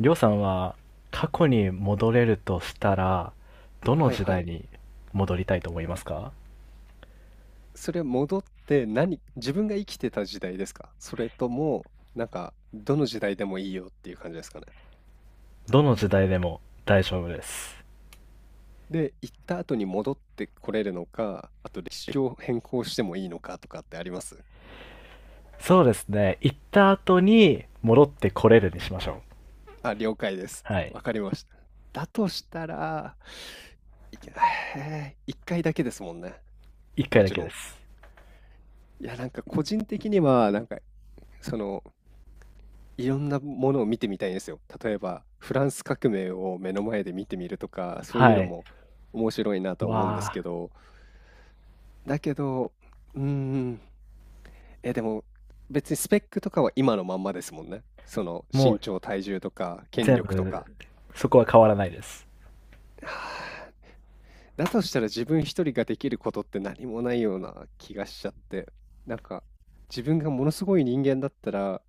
りょうさんは過去に戻れるとしたら、どのはい時は代い。に戻りたいと思いますか？それ戻って何、自分が生きてた時代ですか？それとも、なんか、どの時代でもいいよっていう感じですかね。どの時代でも大丈夫です。で、行った後に戻ってこれるのか、あと歴史を変更してもいいのかとかってあります？そうですね。行った後に戻ってこれるにしましょう。あ、了解です。はい。わかりました。だとしたら、いけへえ一回だけですもんね。一回もだちけろでん。す。いや、なんか個人的には、なんか、その、いろんなものを見てみたいんですよ。例えば、フランス革命を目の前で見てみるとか、そういうはのい。も面白いなとは思うんでわすけあ、ど、だけど、うーん、でも別にスペックとかは今のまんまですもんね。そのも身う長、体重とか、権全力と部、か。そこは変わらないです。はあ。だとしたら自分一人ができることって何もないような気がしちゃって、なんか自分がものすごい人間だったら、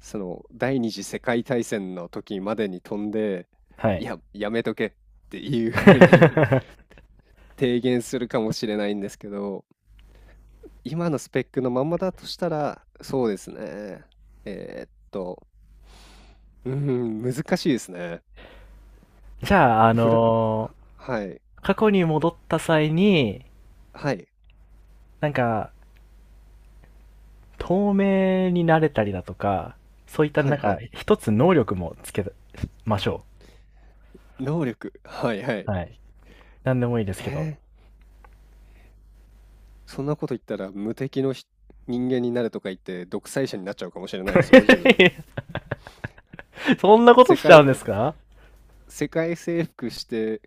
その第二次世界大戦の時までに飛んで、はいい。や、やめとけっていうふうに 提言するかもしれないんですけど、今のスペックのまんまだとしたら、そうですね。えーっと、うん、難しいですね。じゃあ、フラ、はい、過去に戻った際に、はい、なんか、透明になれたりだとか、そういったはない、んはか、い。一つ能力もつけましょ能力、はい、はう。はい。い。なんでもいいですけど。えーそんなこと言ったら無敵の人間になるとか言って独裁者になっちゃうかもしれないですよ、自分。そんなこと世しちゃう界、んで すか？世界征服して、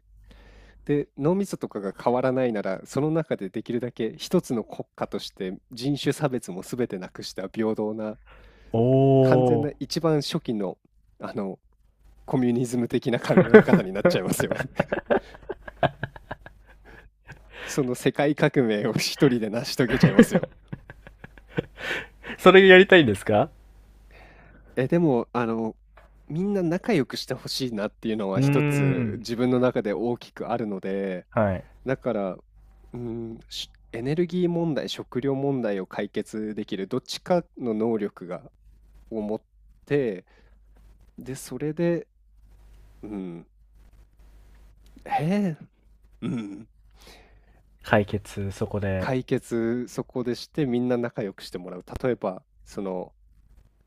で、脳みそとかが変わらないなら、その中でできるだけ一つの国家として人種差別も全てなくした平等な、完全おなー。一番初期の、あの、コミュニズム的な考え方になっちゃいますよ。その世界革命を一人で成し遂げちゃいますよ。それやりたいんですか？え、でも、あの、みんな仲良くしてほしいなっていうのうはー一つん。自分の中で大きくあるので、はい。だから、うん、エネルギー問題、食料問題を解決できるどっちかの能力を持って、で、それで、うん、へえ、うん、解決、そこで。解決そこでしてみんな仲良くしてもらう。例えば、その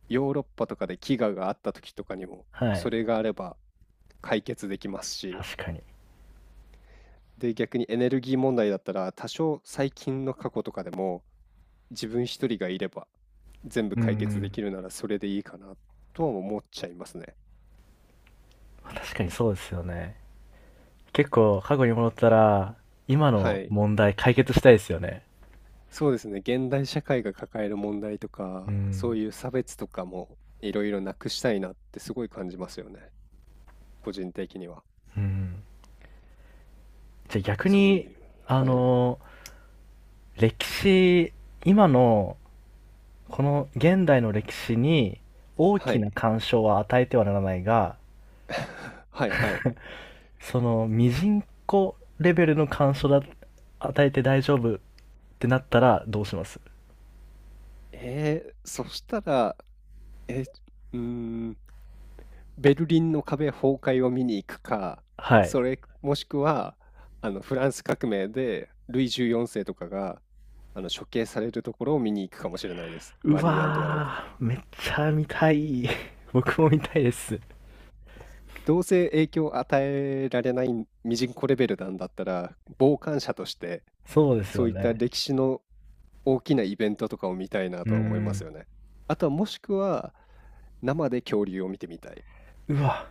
ヨーロッパとかで飢餓があった時とかにも、はそい。れがあれば解決できますし、確かに。で、逆にエネルギー問題だったら、多少最近の過去とかでも、自分一人がいれば、全部うー解決でん。きるならそれでいいかなとは思っちゃいますね。確かにそうですよね。結構、過去に戻ったら、今はのい。問題解決したいですよね。そうですね。現代社会が抱える問題とうか、そん。ういう差別とかもいろいろなくしたいなってすごい感じますよね。個人的には。うん。じゃあ逆そういう、に、あはい。の歴史、今の、この現代の歴史に大はきい。な干渉は与えてはならないが、はいはい。その、ミジンコレベルの干渉だ、与えて大丈夫ってなったらどうします？そしたら、え、うーん、ベルリンの壁崩壊を見に行くか、はい。それもしくはあのフランス革命でルイ14世とかがあの処刑されるところを見に行くかもしれないです。うマリー・アントワネット。わー、めっちゃ見たい。僕も見たいです。どうせ影響を与えられないミジンコレベルなんだったら、傍観者としてそうですそよういったね。歴史の大きなイベントとかを見たいなうーとは思いまん。すよね。あとはもしくは生で恐竜を見てみたい。うわ、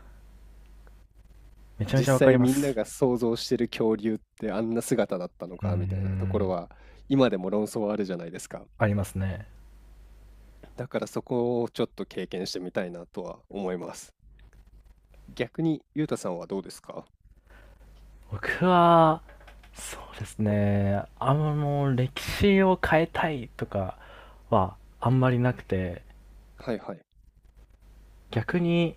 めちゃめちゃ実わかり際まみんなす。が想像してる恐竜ってあんな姿だったのうーかみたいなところん。は今でも論争はあるじゃないですか。ありますね。だからそこをちょっと経験してみたいなとは思います。逆にゆうたさんはどうですか？僕は、そうですね、歴史を変えたいとかはあんまりなくて、はいはい。逆に、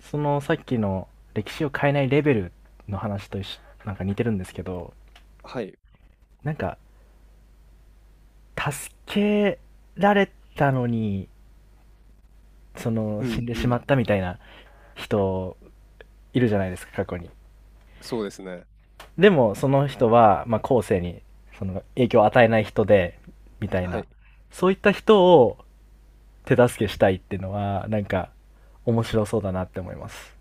そのさっきの歴史を変えないレベルの話と一緒、なんか似てるんですけど、はい。なんか、助けられたのに、その、う死んんでうしまん。ったみたいな人、いるじゃないですか、過去に。そうですね。でも、その人は、まあ、後世に、その、影響を与えない人で、みたいはな。い。そういった人を、手助けしたいっていうのは、なんか、面白そうだなって思います。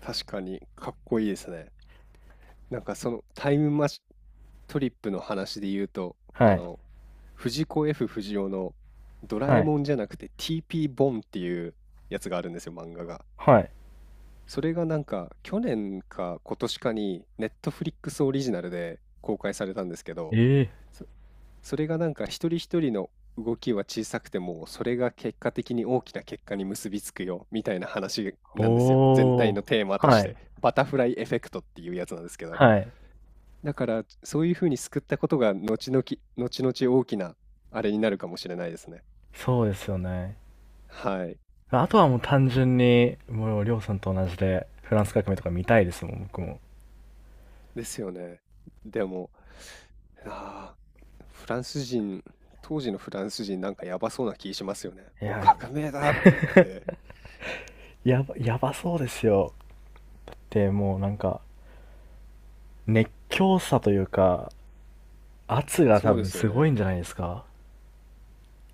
確かにかっこいいですね。なんかそのタイムマシトリップの話で言うと、あはい。の、藤子 F 不二雄のドラえはい。もんじゃなくて TP ボンっていうやつがあるんですよ、漫画が。はい。それがなんか去年か今年かにネットフリックスオリジナルで公開されたんですけど、えそ、それがなんか一人一人の動きは小さくても、それが結果的に大きな結果に結びつくよみたいな話なんですよ。全体おのテーマー。としはて。い。バタフライエフェクトっていうやつなんですけど。はい。だからそういうふうに救ったことが後々、後々大きなあれになるかもしれないですね。そうですよね。はい。あとはもう単純に、もう、りょうさんと同じで、フランス革命とか見たいですもん、僕も。ですよね。でも、ああ、フランス人、当時のフランス人なんかやばそうな気しますよね。いもうや、革命だって言って。やばそうですよ。で、もうなんか、熱狂さというか、圧が多そうで分すよすごいね。んじゃないですか？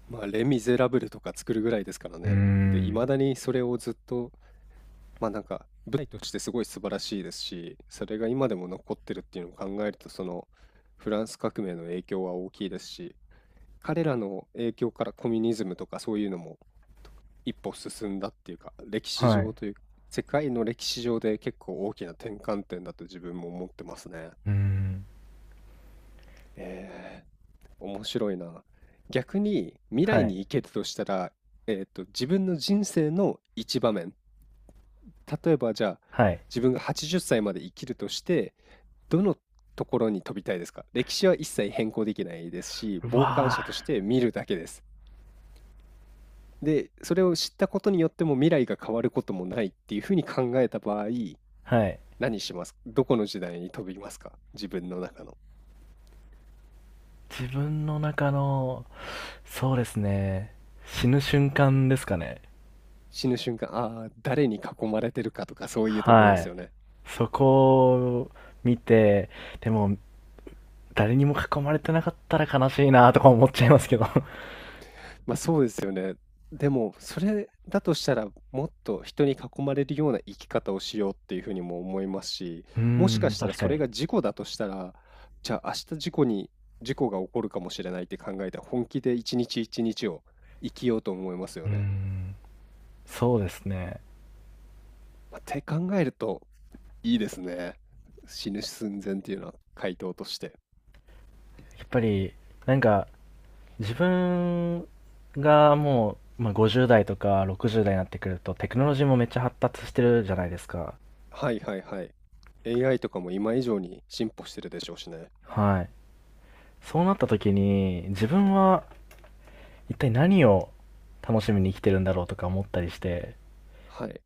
まあ、レ・ミゼラブルとか作るぐらいですからうーね。で、いん。まだにそれをずっと、まあなんか、舞台としてすごい素晴らしいですし、それが今でも残ってるっていうのを考えると、その、フランス革命の影響は大きいですし、彼らの影響からコミュニズムとかそういうのも一歩進んだっていうか、歴史は上い。というか、世界の歴史上で結構大きな転換点だと自分も思ってますね。うーん。え面白いな。逆に未は来い。に行けるとしたら、自分の人生の一場面。例えばじゃあ、はい。自分が80歳まで生きるとして、どのところに飛びたいですか？歴史は一切変更できないですし、う傍観わ者として見るだけです。で、それを知ったことによっても未来が変わることもないっていうふうに考えた場合、ー。はい。何します？どこの時代に飛びますか？自分の中の。自分の中の、そうですね、死ぬ瞬間ですかね。死ぬ瞬間、ああー、誰に囲まれてるかとかそういうところではすい。よね。そこを見て、でも、誰にも囲まれてなかったら悲しいなとか思っちゃいますけど。ま、そうですよね。でも、それだとしたら、もっと人に囲まれるような生き方をしようっていうふうにも思いますし、うーもしかん、したら確そかれに。が事故だとしたら、じゃあ、明日、事故が起こるかもしれないって考えて、本気で1日1日を生きようと思いますうよーね。ん、そうですね。まあ、って考えるといいですね。死ぬ寸前っていうのは回答として。やっぱり、なんか、自分がもう、まあ、50代とか60代になってくると、テクノロジーもめっちゃ発達してるじゃないですか。はいはいはい。AI とかも今以上に進歩してるでしょうしね。はい。そうなった時に、自分は一体何を楽しみに生きてるんだろうとか思ったりして、はい。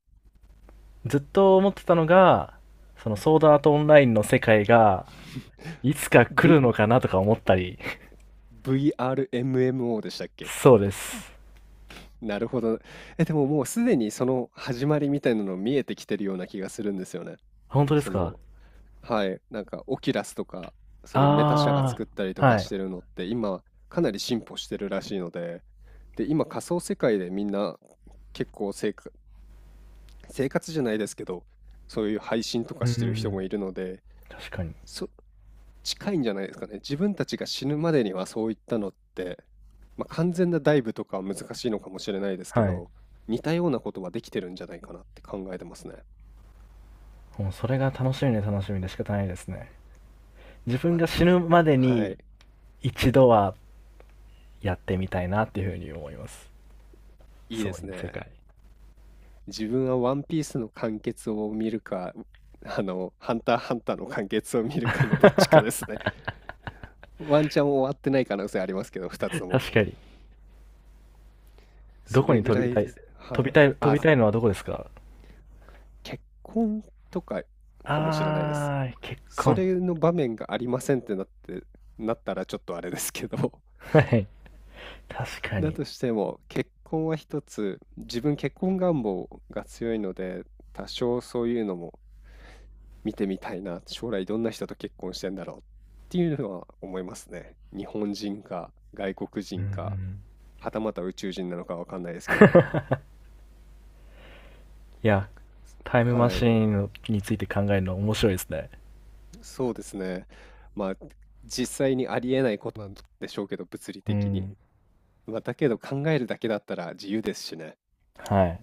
ずっと思ってたのが、そのソードアートオンラインの世界が、いつか来 V るのかなとか思ったり。VRMMO でしたっ け？そうです。なるほど。え、でももうすでにその始まりみたいなの見えてきてるような気がするんですよね。本当でそすか？の、はい、なんかオキュラスとか、そういうメタ社があ作ったりあとー、はかしい。てるのって、今かなり進歩してるらしいので、で、今仮想世界でみんな結構生活、生活じゃないですけど、そういう配信とかうしてる人ん、もいるので、確かに。そ、近いんじゃないですかね。自分たちが死ぬまでにはそういったのって、まあ、完全なダイブとかは難しいのかもしれないですけはい。ど、似たようなことはできてるんじゃないかなって考えてますね。もうそれが楽しみで楽しみで仕方ないですね。自分まがた、死ぬまではにい、一度はやってみたいなっていうふうに思います。いいでそうすいう世ね。界。自分はワンピースの完結を見るか、あの、ハンターハンターの完結を見る かのどっ確ちかですかね。ワンチャン終わってない可能性ありますけど、2つとも。に。どそこれにぐらいです。はい。飛あ、びたいのはどこですか？結婚とかかもしれないです。あー、結そ婚。れの場面がありませんってなって、なったらちょっとあれですけど、はい。確かだに。としても結婚は一つ、自分結婚願望が強いので、多少そういうのも見てみたいな、将来どんな人と結婚してんだろうっていうのは思いますね。日本人か外国うんう人か、ん。はたまた宇宙人なのかわかんないですけど。いや、タイムマはシい、ーンについて考えるの面白いですね。そうですね。まあ実際にありえないことなんでしょうけど、物理う的に。ん。まあ、だけど考えるだけだったら自由ですしね。はい。